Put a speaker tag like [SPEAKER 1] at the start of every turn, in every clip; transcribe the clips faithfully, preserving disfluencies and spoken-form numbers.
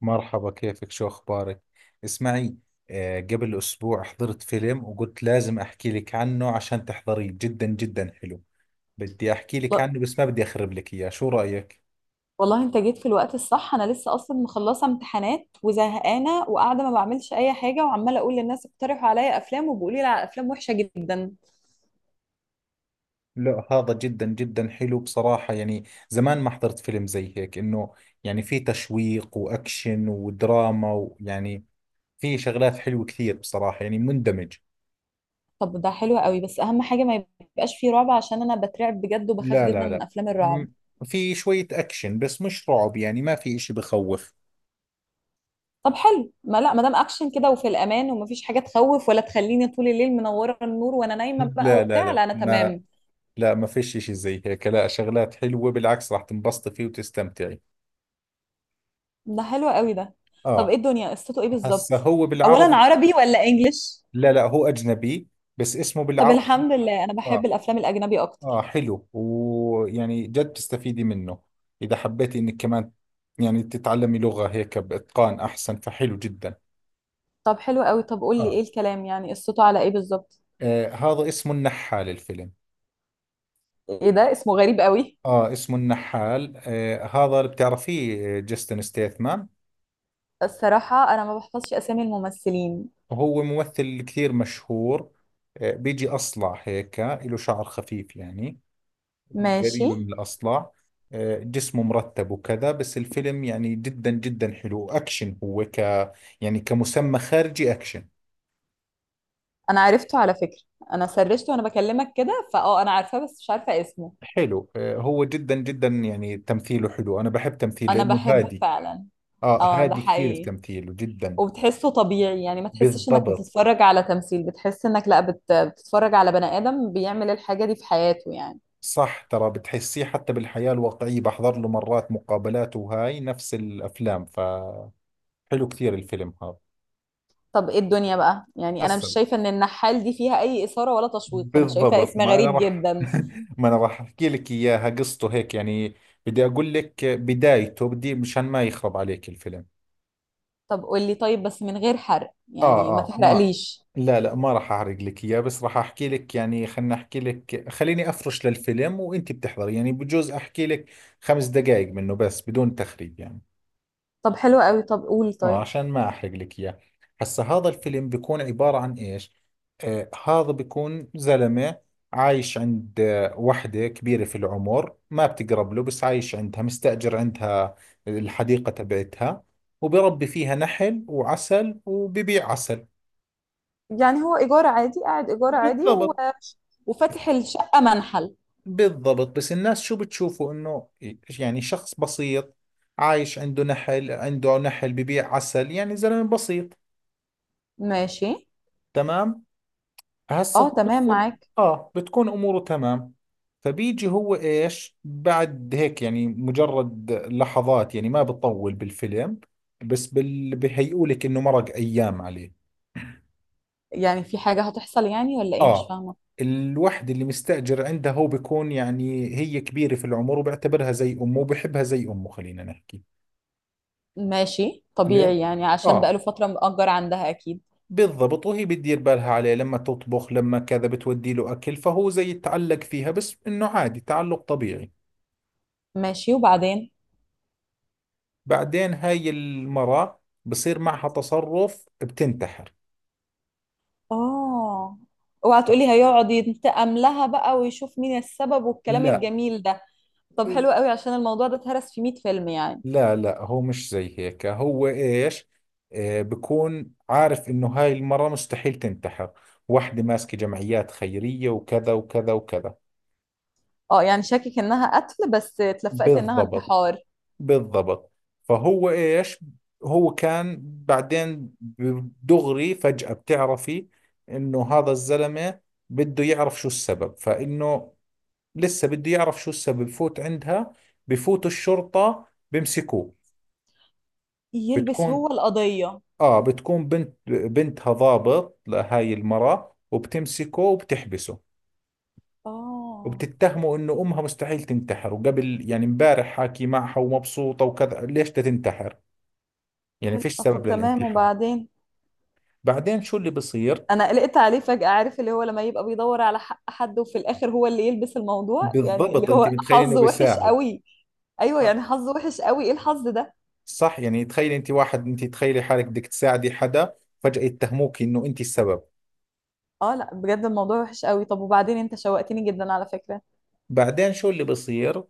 [SPEAKER 1] مرحبا، كيفك؟ شو أخبارك؟ اسمعي، آه، قبل أسبوع حضرت فيلم وقلت لازم أحكي لك عنه عشان تحضريه، جدا جدا حلو. بدي أحكي لك
[SPEAKER 2] والله
[SPEAKER 1] عنه بس ما بدي أخرب لك إياه، شو رأيك؟
[SPEAKER 2] والله انت جيت في الوقت الصح. انا لسه اصلا مخلصه امتحانات وزهقانه وقاعده ما بعملش اي حاجه، وعماله اقول للناس اقترحوا عليا افلام وبيقولوا لي على افلام وحشه جدا.
[SPEAKER 1] لا هذا جدا جدا حلو بصراحة، يعني زمان ما حضرت فيلم زي هيك. إنه يعني في تشويق وأكشن ودراما، ويعني في شغلات حلوة كثير بصراحة، يعني مندمج.
[SPEAKER 2] طب ده حلو قوي، بس اهم حاجه ما يبقاش فيه رعب، عشان انا بترعب بجد وبخاف
[SPEAKER 1] لا
[SPEAKER 2] جدا
[SPEAKER 1] لا
[SPEAKER 2] من
[SPEAKER 1] لا،
[SPEAKER 2] افلام
[SPEAKER 1] م-
[SPEAKER 2] الرعب.
[SPEAKER 1] في شوية أكشن بس مش رعب، يعني ما في إشي بخوف.
[SPEAKER 2] طب حلو، ما لا ما دام اكشن كده وفي الامان ومفيش حاجه تخوف ولا تخليني طول الليل منوره النور وانا نايمه بقى
[SPEAKER 1] لا لا
[SPEAKER 2] وبتاع،
[SPEAKER 1] لا
[SPEAKER 2] لا انا
[SPEAKER 1] ما،
[SPEAKER 2] تمام.
[SPEAKER 1] لا ما فيش اشي زي هيك، لا شغلات حلوة بالعكس، راح تنبسطي فيه وتستمتعي.
[SPEAKER 2] ده حلو قوي ده. طب ايه
[SPEAKER 1] اه.
[SPEAKER 2] الدنيا، قصته ايه
[SPEAKER 1] هسا
[SPEAKER 2] بالظبط؟
[SPEAKER 1] هو
[SPEAKER 2] اولا
[SPEAKER 1] بالعربي.
[SPEAKER 2] عربي ولا انجليش؟
[SPEAKER 1] لا لا، هو اجنبي بس اسمه
[SPEAKER 2] طب
[SPEAKER 1] بالعربي.
[SPEAKER 2] الحمد لله انا
[SPEAKER 1] اه.
[SPEAKER 2] بحب الافلام الاجنبي
[SPEAKER 1] اه
[SPEAKER 2] اكتر.
[SPEAKER 1] حلو، ويعني جد تستفيدي منه اذا حبيتي انك كمان يعني تتعلمي لغة هيك باتقان احسن، فحلو جدا.
[SPEAKER 2] طب حلو قوي، طب قول لي
[SPEAKER 1] اه,
[SPEAKER 2] ايه الكلام يعني، قصته على ايه بالظبط؟
[SPEAKER 1] آه هذا اسمه النحال الفيلم.
[SPEAKER 2] ايه ده، اسمه غريب قوي.
[SPEAKER 1] اه اسمه النحال، آه هذا اللي بتعرفيه، آه، جاستن ستيثمان.
[SPEAKER 2] الصراحة انا ما بحفظش اسامي الممثلين.
[SPEAKER 1] هو ممثل كثير مشهور. آه، بيجي أصلع هيك، له شعر خفيف يعني،
[SPEAKER 2] ماشي.
[SPEAKER 1] قريب من الأصلع. آه، جسمه مرتب وكذا، بس الفيلم يعني جدا جدا حلو أكشن. هو ك، يعني كمسمى خارجي أكشن.
[SPEAKER 2] انا عرفته على فكرة، انا سرشته وانا بكلمك كده، فاه انا عارفاه بس مش عارفة اسمه.
[SPEAKER 1] حلو. آه، هو جدا جدا يعني تمثيله حلو، أنا بحب تمثيله
[SPEAKER 2] انا
[SPEAKER 1] لأنه
[SPEAKER 2] بحبه
[SPEAKER 1] هادي.
[SPEAKER 2] فعلا.
[SPEAKER 1] آه
[SPEAKER 2] اه ده
[SPEAKER 1] هادي كثير في
[SPEAKER 2] حقيقي،
[SPEAKER 1] تمثيله جدا.
[SPEAKER 2] وبتحسه طبيعي يعني ما تحسش انك
[SPEAKER 1] بالضبط.
[SPEAKER 2] بتتفرج على تمثيل، بتحس انك لا بت... بتتفرج على بني ادم بيعمل الحاجة دي في حياته يعني.
[SPEAKER 1] صح، ترى بتحسيه حتى بالحياة الواقعية، بحضر له مرات مقابلات وهاي نفس الأفلام، ف حلو كثير الفيلم هذا.
[SPEAKER 2] طب ايه الدنيا بقى، يعني انا مش
[SPEAKER 1] حسن.
[SPEAKER 2] شايفة ان النحال دي فيها اي اثارة ولا تشويق، انا شايفة
[SPEAKER 1] بالضبط،
[SPEAKER 2] اسم
[SPEAKER 1] ما انا
[SPEAKER 2] غريب
[SPEAKER 1] راح،
[SPEAKER 2] جدا.
[SPEAKER 1] ما انا راح احكي لك اياها قصته هيك يعني. بدي اقول لك بدايته، بدي مشان ما يخرب عليك الفيلم.
[SPEAKER 2] طب قولي طيب بس من غير حرق،
[SPEAKER 1] اه
[SPEAKER 2] يعني ما
[SPEAKER 1] اه ما،
[SPEAKER 2] تحرقليش.
[SPEAKER 1] لا لا، ما راح احرق لك اياه بس راح احكي لك يعني، خلنا احكي لك، خليني افرش للفيلم وانت بتحضري، يعني بجوز احكي لك خمس دقائق منه بس بدون تخريب يعني.
[SPEAKER 2] طب حلو قوي، طب قولي
[SPEAKER 1] اه
[SPEAKER 2] طيب.
[SPEAKER 1] عشان ما احرق لك اياه. هسا هذا الفيلم بيكون عبارة عن ايش، آه هذا بيكون زلمة عايش عند آه، وحدة كبيرة في العمر، ما بتقرب له بس عايش عندها، مستأجر عندها الحديقة تبعتها، وبربي فيها نحل وعسل وببيع عسل.
[SPEAKER 2] يعني هو إيجار عادي قاعد إيجار عادي و...
[SPEAKER 1] بالضبط.
[SPEAKER 2] وفاتح الشقة منحل.
[SPEAKER 1] بالضبط بس الناس شو بتشوفوا؟ انه يعني شخص بسيط عايش عنده نحل، عنده نحل ببيع عسل، يعني زلمة بسيط.
[SPEAKER 2] ماشي.
[SPEAKER 1] تمام. هسه
[SPEAKER 2] اه
[SPEAKER 1] هو
[SPEAKER 2] تمام
[SPEAKER 1] بتكون،
[SPEAKER 2] معاك.
[SPEAKER 1] اه بتكون اموره تمام. فبيجي هو ايش بعد هيك، يعني مجرد لحظات يعني ما بطول بالفيلم، بس بال... بهيئوا لك انه مرق ايام عليه.
[SPEAKER 2] يعني في حاجة هتحصل يعني، ولا ايه مش
[SPEAKER 1] اه.
[SPEAKER 2] فاهمة؟
[SPEAKER 1] الوحده اللي مستأجر عندها هو بيكون، يعني هي كبيرة في العمر وبيعتبرها زي امه وبحبها زي امه خلينا نحكي.
[SPEAKER 2] ماشي
[SPEAKER 1] ليه؟
[SPEAKER 2] طبيعي يعني عشان
[SPEAKER 1] اه.
[SPEAKER 2] بقاله فترة مأجر عندها أكيد.
[SPEAKER 1] بالضبط، وهي بتدير بالها عليه، لما تطبخ لما كذا بتودي له اكل، فهو زي يتعلق فيها بس انه عادي، تعلق طبيعي.
[SPEAKER 2] ماشي وبعدين.
[SPEAKER 1] بعدين هاي المرأة بصير معها تصرف، بتنتحر.
[SPEAKER 2] اه اوعى تقولي هيقعد ينتقم لها بقى ويشوف مين السبب والكلام
[SPEAKER 1] لا
[SPEAKER 2] الجميل ده. طب حلو قوي، عشان الموضوع ده اتهرس في مية فيلم يعني.
[SPEAKER 1] لا لا، هو مش زي هيك، هو ايش؟ آه بكون عارف انه هاي المرة مستحيل تنتحر، واحدة ماسكة جمعيات خيرية وكذا وكذا وكذا.
[SPEAKER 2] اه يعني شاكك انها قتل بس اتلفقت انها
[SPEAKER 1] بالضبط.
[SPEAKER 2] انتحار.
[SPEAKER 1] بالضبط. فهو ايش، هو كان بعدين دغري فجأة بتعرفي انه هذا الزلمة بده يعرف شو السبب، فانه لسه بده يعرف شو السبب، بفوت عندها، بفوت الشرطة، بمسكوه.
[SPEAKER 2] يلبس
[SPEAKER 1] بتكون،
[SPEAKER 2] هو القضية.
[SPEAKER 1] اه بتكون بنت بنتها ضابط لهاي المرة، وبتمسكه وبتحبسه،
[SPEAKER 2] اه
[SPEAKER 1] وبتتهمه انه امها مستحيل تنتحر، وقبل يعني امبارح حاكي معها ومبسوطة وكذا، ليش بدها تنتحر؟ يعني
[SPEAKER 2] حلو،
[SPEAKER 1] فيش
[SPEAKER 2] آه، طب
[SPEAKER 1] سبب
[SPEAKER 2] تمام
[SPEAKER 1] للانتحار.
[SPEAKER 2] وبعدين.
[SPEAKER 1] بعدين شو اللي بصير؟
[SPEAKER 2] انا قلقت عليه فجأة، عارف اللي هو لما يبقى بيدور على حق حد وفي الاخر هو اللي يلبس الموضوع، يعني اللي
[SPEAKER 1] بالضبط، انت
[SPEAKER 2] هو
[SPEAKER 1] متخيل انه
[SPEAKER 2] حظه وحش
[SPEAKER 1] بيساعد.
[SPEAKER 2] قوي. ايوه،
[SPEAKER 1] آه،
[SPEAKER 2] يعني حظه وحش قوي، ايه الحظ ده.
[SPEAKER 1] صح، يعني تخيلي انت واحد، انت تخيلي حالك بدك تساعدي حدا، فجأة يتهموك انه انت السبب.
[SPEAKER 2] اه لا بجد الموضوع وحش قوي. طب وبعدين، انت شوقتني جدا على فكرة.
[SPEAKER 1] بعدين شو اللي بصير؟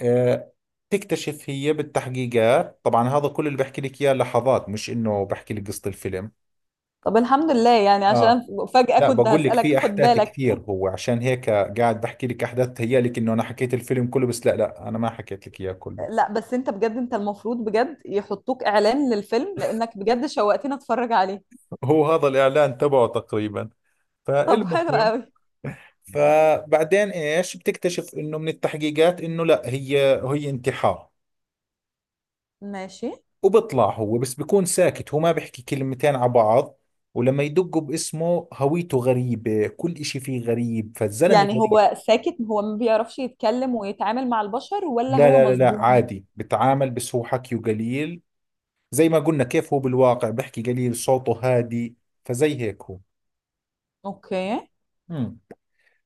[SPEAKER 1] آه، تكتشف هي بالتحقيقات طبعا، هذا كل اللي بحكي لك اياه لحظات، مش انه بحكي لك قصة الفيلم.
[SPEAKER 2] طب الحمد لله يعني، عشان
[SPEAKER 1] اه،
[SPEAKER 2] فجأة
[SPEAKER 1] لا
[SPEAKER 2] كنت
[SPEAKER 1] بقول لك،
[SPEAKER 2] هسألك
[SPEAKER 1] في
[SPEAKER 2] خد
[SPEAKER 1] احداث
[SPEAKER 2] بالك.
[SPEAKER 1] كثير، هو عشان هيك قاعد بحكي لك احداث تهيألك انه انا حكيت الفيلم كله، بس لا لا انا ما حكيت لك اياه كله.
[SPEAKER 2] لا بس انت بجد، انت المفروض بجد يحطوك اعلان للفيلم، لانك بجد شوقتني اتفرج عليه.
[SPEAKER 1] هو هذا الاعلان تبعه تقريبا،
[SPEAKER 2] طب
[SPEAKER 1] فالمهم.
[SPEAKER 2] حلو قوي.
[SPEAKER 1] فبعدين ايش بتكتشف؟ انه من التحقيقات انه لا، هي هي انتحار.
[SPEAKER 2] ماشي.
[SPEAKER 1] وبيطلع هو، بس بيكون ساكت، هو ما بيحكي كلمتين على بعض، ولما يدقوا باسمه هويته غريبة، كل إشي فيه غريب، فالزلمة
[SPEAKER 2] يعني
[SPEAKER 1] غريب.
[SPEAKER 2] هو ساكت، هو ما بيعرفش يتكلم ويتعامل مع البشر، ولا
[SPEAKER 1] لا
[SPEAKER 2] هو
[SPEAKER 1] لا لا لا،
[SPEAKER 2] مصدوم؟
[SPEAKER 1] عادي بتعامل بس هو حكيه قليل، زي ما قلنا كيف هو بالواقع، بيحكي قليل، صوته هادي، فزي هيك هو.
[SPEAKER 2] اوكي.
[SPEAKER 1] امم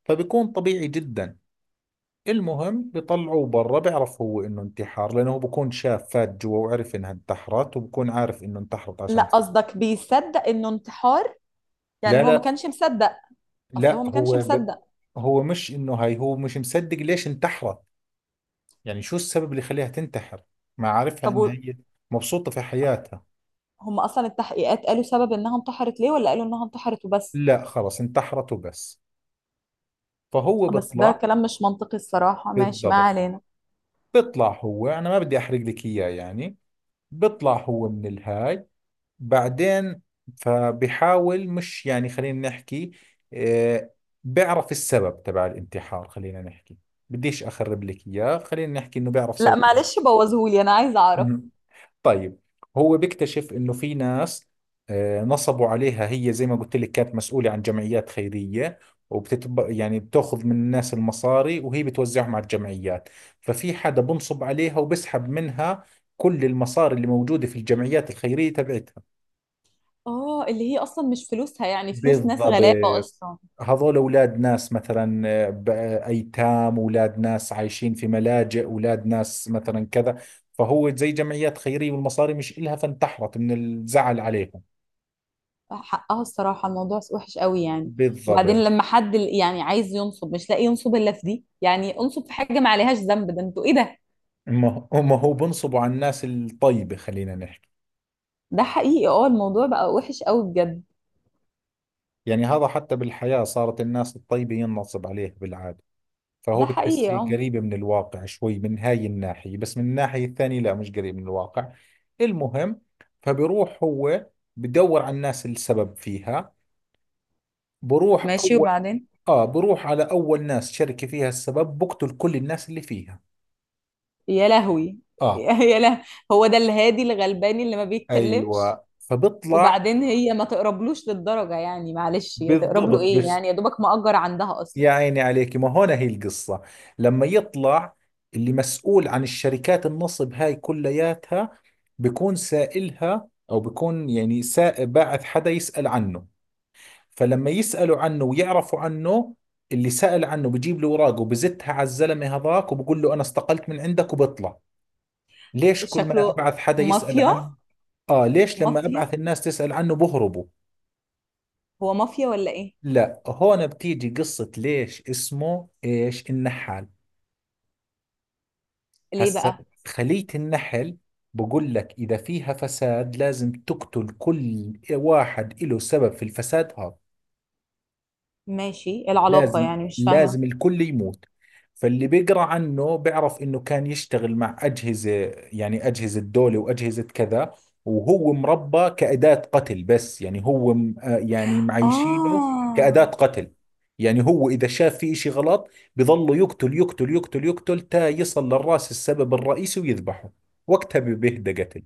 [SPEAKER 1] فبيكون طبيعي جدا. المهم بيطلعوه برا، بيعرف هو انه انتحار لانه هو بكون شاف، فات جوا وعرف انها انتحرت، وبكون عارف انه انتحرت
[SPEAKER 2] لا
[SPEAKER 1] عشان.
[SPEAKER 2] قصدك بيصدق انه انتحار؟
[SPEAKER 1] لا
[SPEAKER 2] يعني هو ما
[SPEAKER 1] لا
[SPEAKER 2] كانش مصدق. اصل
[SPEAKER 1] لا،
[SPEAKER 2] هو ما كانش
[SPEAKER 1] هو ب...
[SPEAKER 2] مصدق.
[SPEAKER 1] هو مش انه هاي، هو مش مصدق ليش انتحرت، يعني شو السبب اللي خليها تنتحر، ما عارفها
[SPEAKER 2] طب
[SPEAKER 1] ان
[SPEAKER 2] و-
[SPEAKER 1] هي مبسوطة في حياتها.
[SPEAKER 2] هم اصلا التحقيقات قالوا سبب انها انتحرت ليه، ولا قالوا انها انتحرت وبس؟
[SPEAKER 1] لا خلص انتحرت وبس. فهو
[SPEAKER 2] بس ده
[SPEAKER 1] بيطلع.
[SPEAKER 2] كلام مش منطقي الصراحة، ماشي ما
[SPEAKER 1] بالضبط.
[SPEAKER 2] علينا.
[SPEAKER 1] بيطلع هو، انا ما بدي احرق لك اياه يعني، بيطلع هو من الهاي. بعدين فبحاول مش يعني خلينا نحكي، آه بيعرف السبب تبع الانتحار، خلينا نحكي، بديش اخرب لك اياه، خلينا نحكي انه بيعرف
[SPEAKER 2] لا
[SPEAKER 1] سبب.
[SPEAKER 2] معلش بوظهولي انا عايزة اعرف.
[SPEAKER 1] طيب. هو بيكتشف انه في ناس، آه، نصبوا عليها، هي زي ما قلت لك كانت مسؤولة عن جمعيات خيرية، وبتتب يعني بتاخذ من الناس المصاري وهي بتوزعهم على الجمعيات، ففي حدا بنصب عليها وبسحب منها كل المصاري اللي موجودة في الجمعيات الخيرية تبعتها.
[SPEAKER 2] اه اللي هي اصلا مش فلوسها، يعني فلوس ناس
[SPEAKER 1] بالضبط.
[SPEAKER 2] غلابه اصلا.
[SPEAKER 1] هذول اولاد ناس مثلا، آه، ب- آه، ايتام، اولاد ناس عايشين في ملاجئ، اولاد ناس مثلا كذا، فهو زي جمعيات خيرية والمصاري مش إلها فانتحرت من الزعل عليهم.
[SPEAKER 2] حقها الصراحه الموضوع وحش قوي يعني. وبعدين
[SPEAKER 1] بالضبط.
[SPEAKER 2] لما حد ال- يعني عايز ينصب مش لاقي ينصب الا في دي، يعني انصب في حاجه ما عليهاش ذنب، ده انتوا ايه ده.
[SPEAKER 1] هم هم هو بنصبوا على الناس الطيبة خلينا نحكي،
[SPEAKER 2] ده حقيقي اه، الموضوع بقى وحش قوي بجد.
[SPEAKER 1] يعني هذا حتى بالحياة صارت الناس الطيبة ينصب عليها بالعادة، فهو
[SPEAKER 2] ده حقيقي
[SPEAKER 1] بتحسي
[SPEAKER 2] اه.
[SPEAKER 1] قريبة من الواقع شوي من هاي الناحية، بس من الناحية الثانية لا مش قريب من الواقع. المهم، فبروح هو بدور على الناس السبب فيها. بروح
[SPEAKER 2] ماشي
[SPEAKER 1] أول،
[SPEAKER 2] وبعدين.
[SPEAKER 1] آه بروح على أول ناس، شركة فيها السبب، بقتل كل الناس اللي فيها.
[SPEAKER 2] يا لهوي.
[SPEAKER 1] آه.
[SPEAKER 2] يا له. هو ده الهادي الغلباني اللي ما بيتكلمش.
[SPEAKER 1] أيوة فبطلع.
[SPEAKER 2] وبعدين هي ما تقربلوش للدرجه يعني، معلش يا تقرب له
[SPEAKER 1] بالضبط
[SPEAKER 2] ايه
[SPEAKER 1] بس،
[SPEAKER 2] يعني، يا دوبك مأجر عندها اصلا.
[SPEAKER 1] يا عيني عليك، ما هون هي القصة. لما يطلع اللي مسؤول عن الشركات النصب هاي كلياتها، بكون سائلها أو بكون يعني سا... باعث حدا يسأل عنه، فلما يسألوا عنه ويعرفوا عنه، اللي سأل عنه بجيب له أوراقه وبزتها على الزلمة هذاك وبقول له أنا استقلت من عندك وبطلع. ليش كل ما
[SPEAKER 2] شكله
[SPEAKER 1] أبعث حدا يسأل
[SPEAKER 2] مافيا.
[SPEAKER 1] عن، آه ليش لما
[SPEAKER 2] مافيا،
[SPEAKER 1] أبعث الناس تسأل عنه بهربوا؟
[SPEAKER 2] هو مافيا ولا ايه؟
[SPEAKER 1] لا هون بتيجي قصة ليش اسمه إيش النحال.
[SPEAKER 2] ليه
[SPEAKER 1] هسا
[SPEAKER 2] بقى؟
[SPEAKER 1] خلية النحل، بقول لك إذا فيها فساد لازم تقتل كل واحد له سبب في الفساد هذا،
[SPEAKER 2] ماشي، إيه العلاقة
[SPEAKER 1] لازم،
[SPEAKER 2] يعني مش فاهمة.
[SPEAKER 1] لازم الكل يموت. فاللي بيقرأ عنه بيعرف انه كان يشتغل مع اجهزة، يعني اجهزة دولة واجهزة كذا، وهو مربى كأداة قتل، بس يعني هو م- آه يعني معيشينه كأداة
[SPEAKER 2] اه
[SPEAKER 1] قتل، يعني هو اذا شاف في اشي غلط بظله يقتل يقتل يقتل يقتل تا يصل للراس السبب الرئيسي ويذبحه، وقتها بيهدى قتل.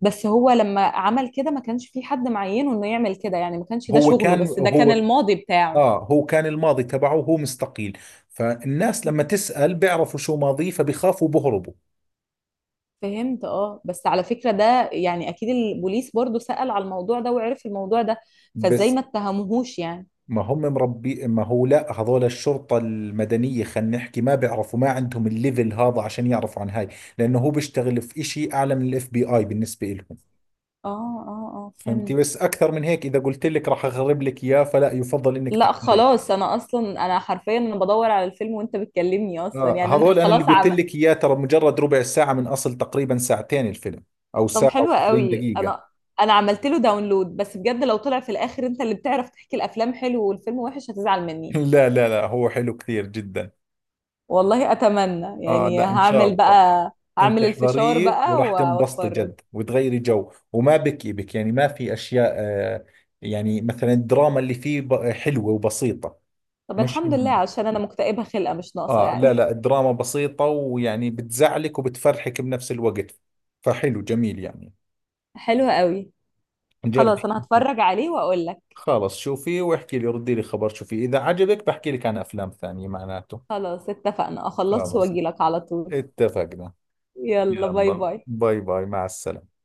[SPEAKER 2] بس هو لما عمل كده ما كانش في حد معينه انه يعمل كده، يعني ما كانش ده
[SPEAKER 1] هو
[SPEAKER 2] شغله،
[SPEAKER 1] كان
[SPEAKER 2] بس ده كان
[SPEAKER 1] هو،
[SPEAKER 2] الماضي بتاعه.
[SPEAKER 1] اه هو كان الماضي تبعه، هو مستقيل، فالناس لما تسأل بيعرفوا شو ماضيه فبيخافوا بهربوا.
[SPEAKER 2] فهمت. اه بس على فكرة ده يعني اكيد البوليس برضو سأل على الموضوع ده وعرف الموضوع ده، فازاي
[SPEAKER 1] بس
[SPEAKER 2] ما اتهموهوش يعني.
[SPEAKER 1] ما هم مربي، ما هو لا هذول الشرطة المدنية خلينا نحكي ما بيعرفوا، ما عندهم الليفل هذا عشان يعرفوا عن هاي، لأنه هو بيشتغل في إشي أعلى من الاف بي آي بالنسبة لهم.
[SPEAKER 2] اه اه اه
[SPEAKER 1] فهمتي، بس
[SPEAKER 2] فهمت.
[SPEAKER 1] أكثر من هيك إذا قلت لك راح أخرب لك إياه فلا، يفضل إنك
[SPEAKER 2] لا
[SPEAKER 1] تحضري.
[SPEAKER 2] خلاص انا اصلا، انا حرفيا انا بدور على الفيلم وانت بتكلمني اصلا،
[SPEAKER 1] آه
[SPEAKER 2] يعني انا
[SPEAKER 1] هذول أنا اللي
[SPEAKER 2] خلاص
[SPEAKER 1] قلت
[SPEAKER 2] عم.
[SPEAKER 1] لك إياه ترى مجرد ربع ساعة من أصل تقريبا ساعتين الفيلم، أو
[SPEAKER 2] طب
[SPEAKER 1] ساعة
[SPEAKER 2] حلوة
[SPEAKER 1] و40
[SPEAKER 2] قوي.
[SPEAKER 1] دقيقة.
[SPEAKER 2] انا انا عملت له داونلود، بس بجد لو طلع في الاخر انت اللي بتعرف تحكي الافلام حلو والفيلم وحش هتزعل مني.
[SPEAKER 1] لا لا لا، هو حلو كثير جدا.
[SPEAKER 2] والله اتمنى
[SPEAKER 1] اه
[SPEAKER 2] يعني،
[SPEAKER 1] لا ان شاء
[SPEAKER 2] هعمل
[SPEAKER 1] الله.
[SPEAKER 2] بقى
[SPEAKER 1] انت
[SPEAKER 2] هعمل الفشار
[SPEAKER 1] احضريه
[SPEAKER 2] بقى و-
[SPEAKER 1] وراح تنبسطي
[SPEAKER 2] واتفرج.
[SPEAKER 1] جد وتغيري جو، وما بكي بك يعني، ما في اشياء. آه يعني مثلا الدراما اللي فيه ب- حلوة وبسيطة،
[SPEAKER 2] طب
[SPEAKER 1] مش
[SPEAKER 2] الحمد لله
[SPEAKER 1] إنه-
[SPEAKER 2] عشان انا مكتئبة خلقة مش ناقصة
[SPEAKER 1] اه لا
[SPEAKER 2] يعني.
[SPEAKER 1] لا، الدراما بسيطة ويعني بتزعلك وبتفرحك بنفس الوقت، فحلو جميل يعني.
[SPEAKER 2] حلوة قوي. خلاص
[SPEAKER 1] جربي.
[SPEAKER 2] انا
[SPEAKER 1] أنت.
[SPEAKER 2] هتفرج عليه واقول لك.
[SPEAKER 1] خلص شوفي واحكي لي، ردي لي خبر، شوفي اذا عجبك بحكي لك عن افلام ثانية معناته.
[SPEAKER 2] خلاص اتفقنا، اخلصه
[SPEAKER 1] خلص.
[SPEAKER 2] واجي لك على طول.
[SPEAKER 1] اتفقنا.
[SPEAKER 2] يلا باي
[SPEAKER 1] يلا
[SPEAKER 2] باي.
[SPEAKER 1] باي باي مع السلامة.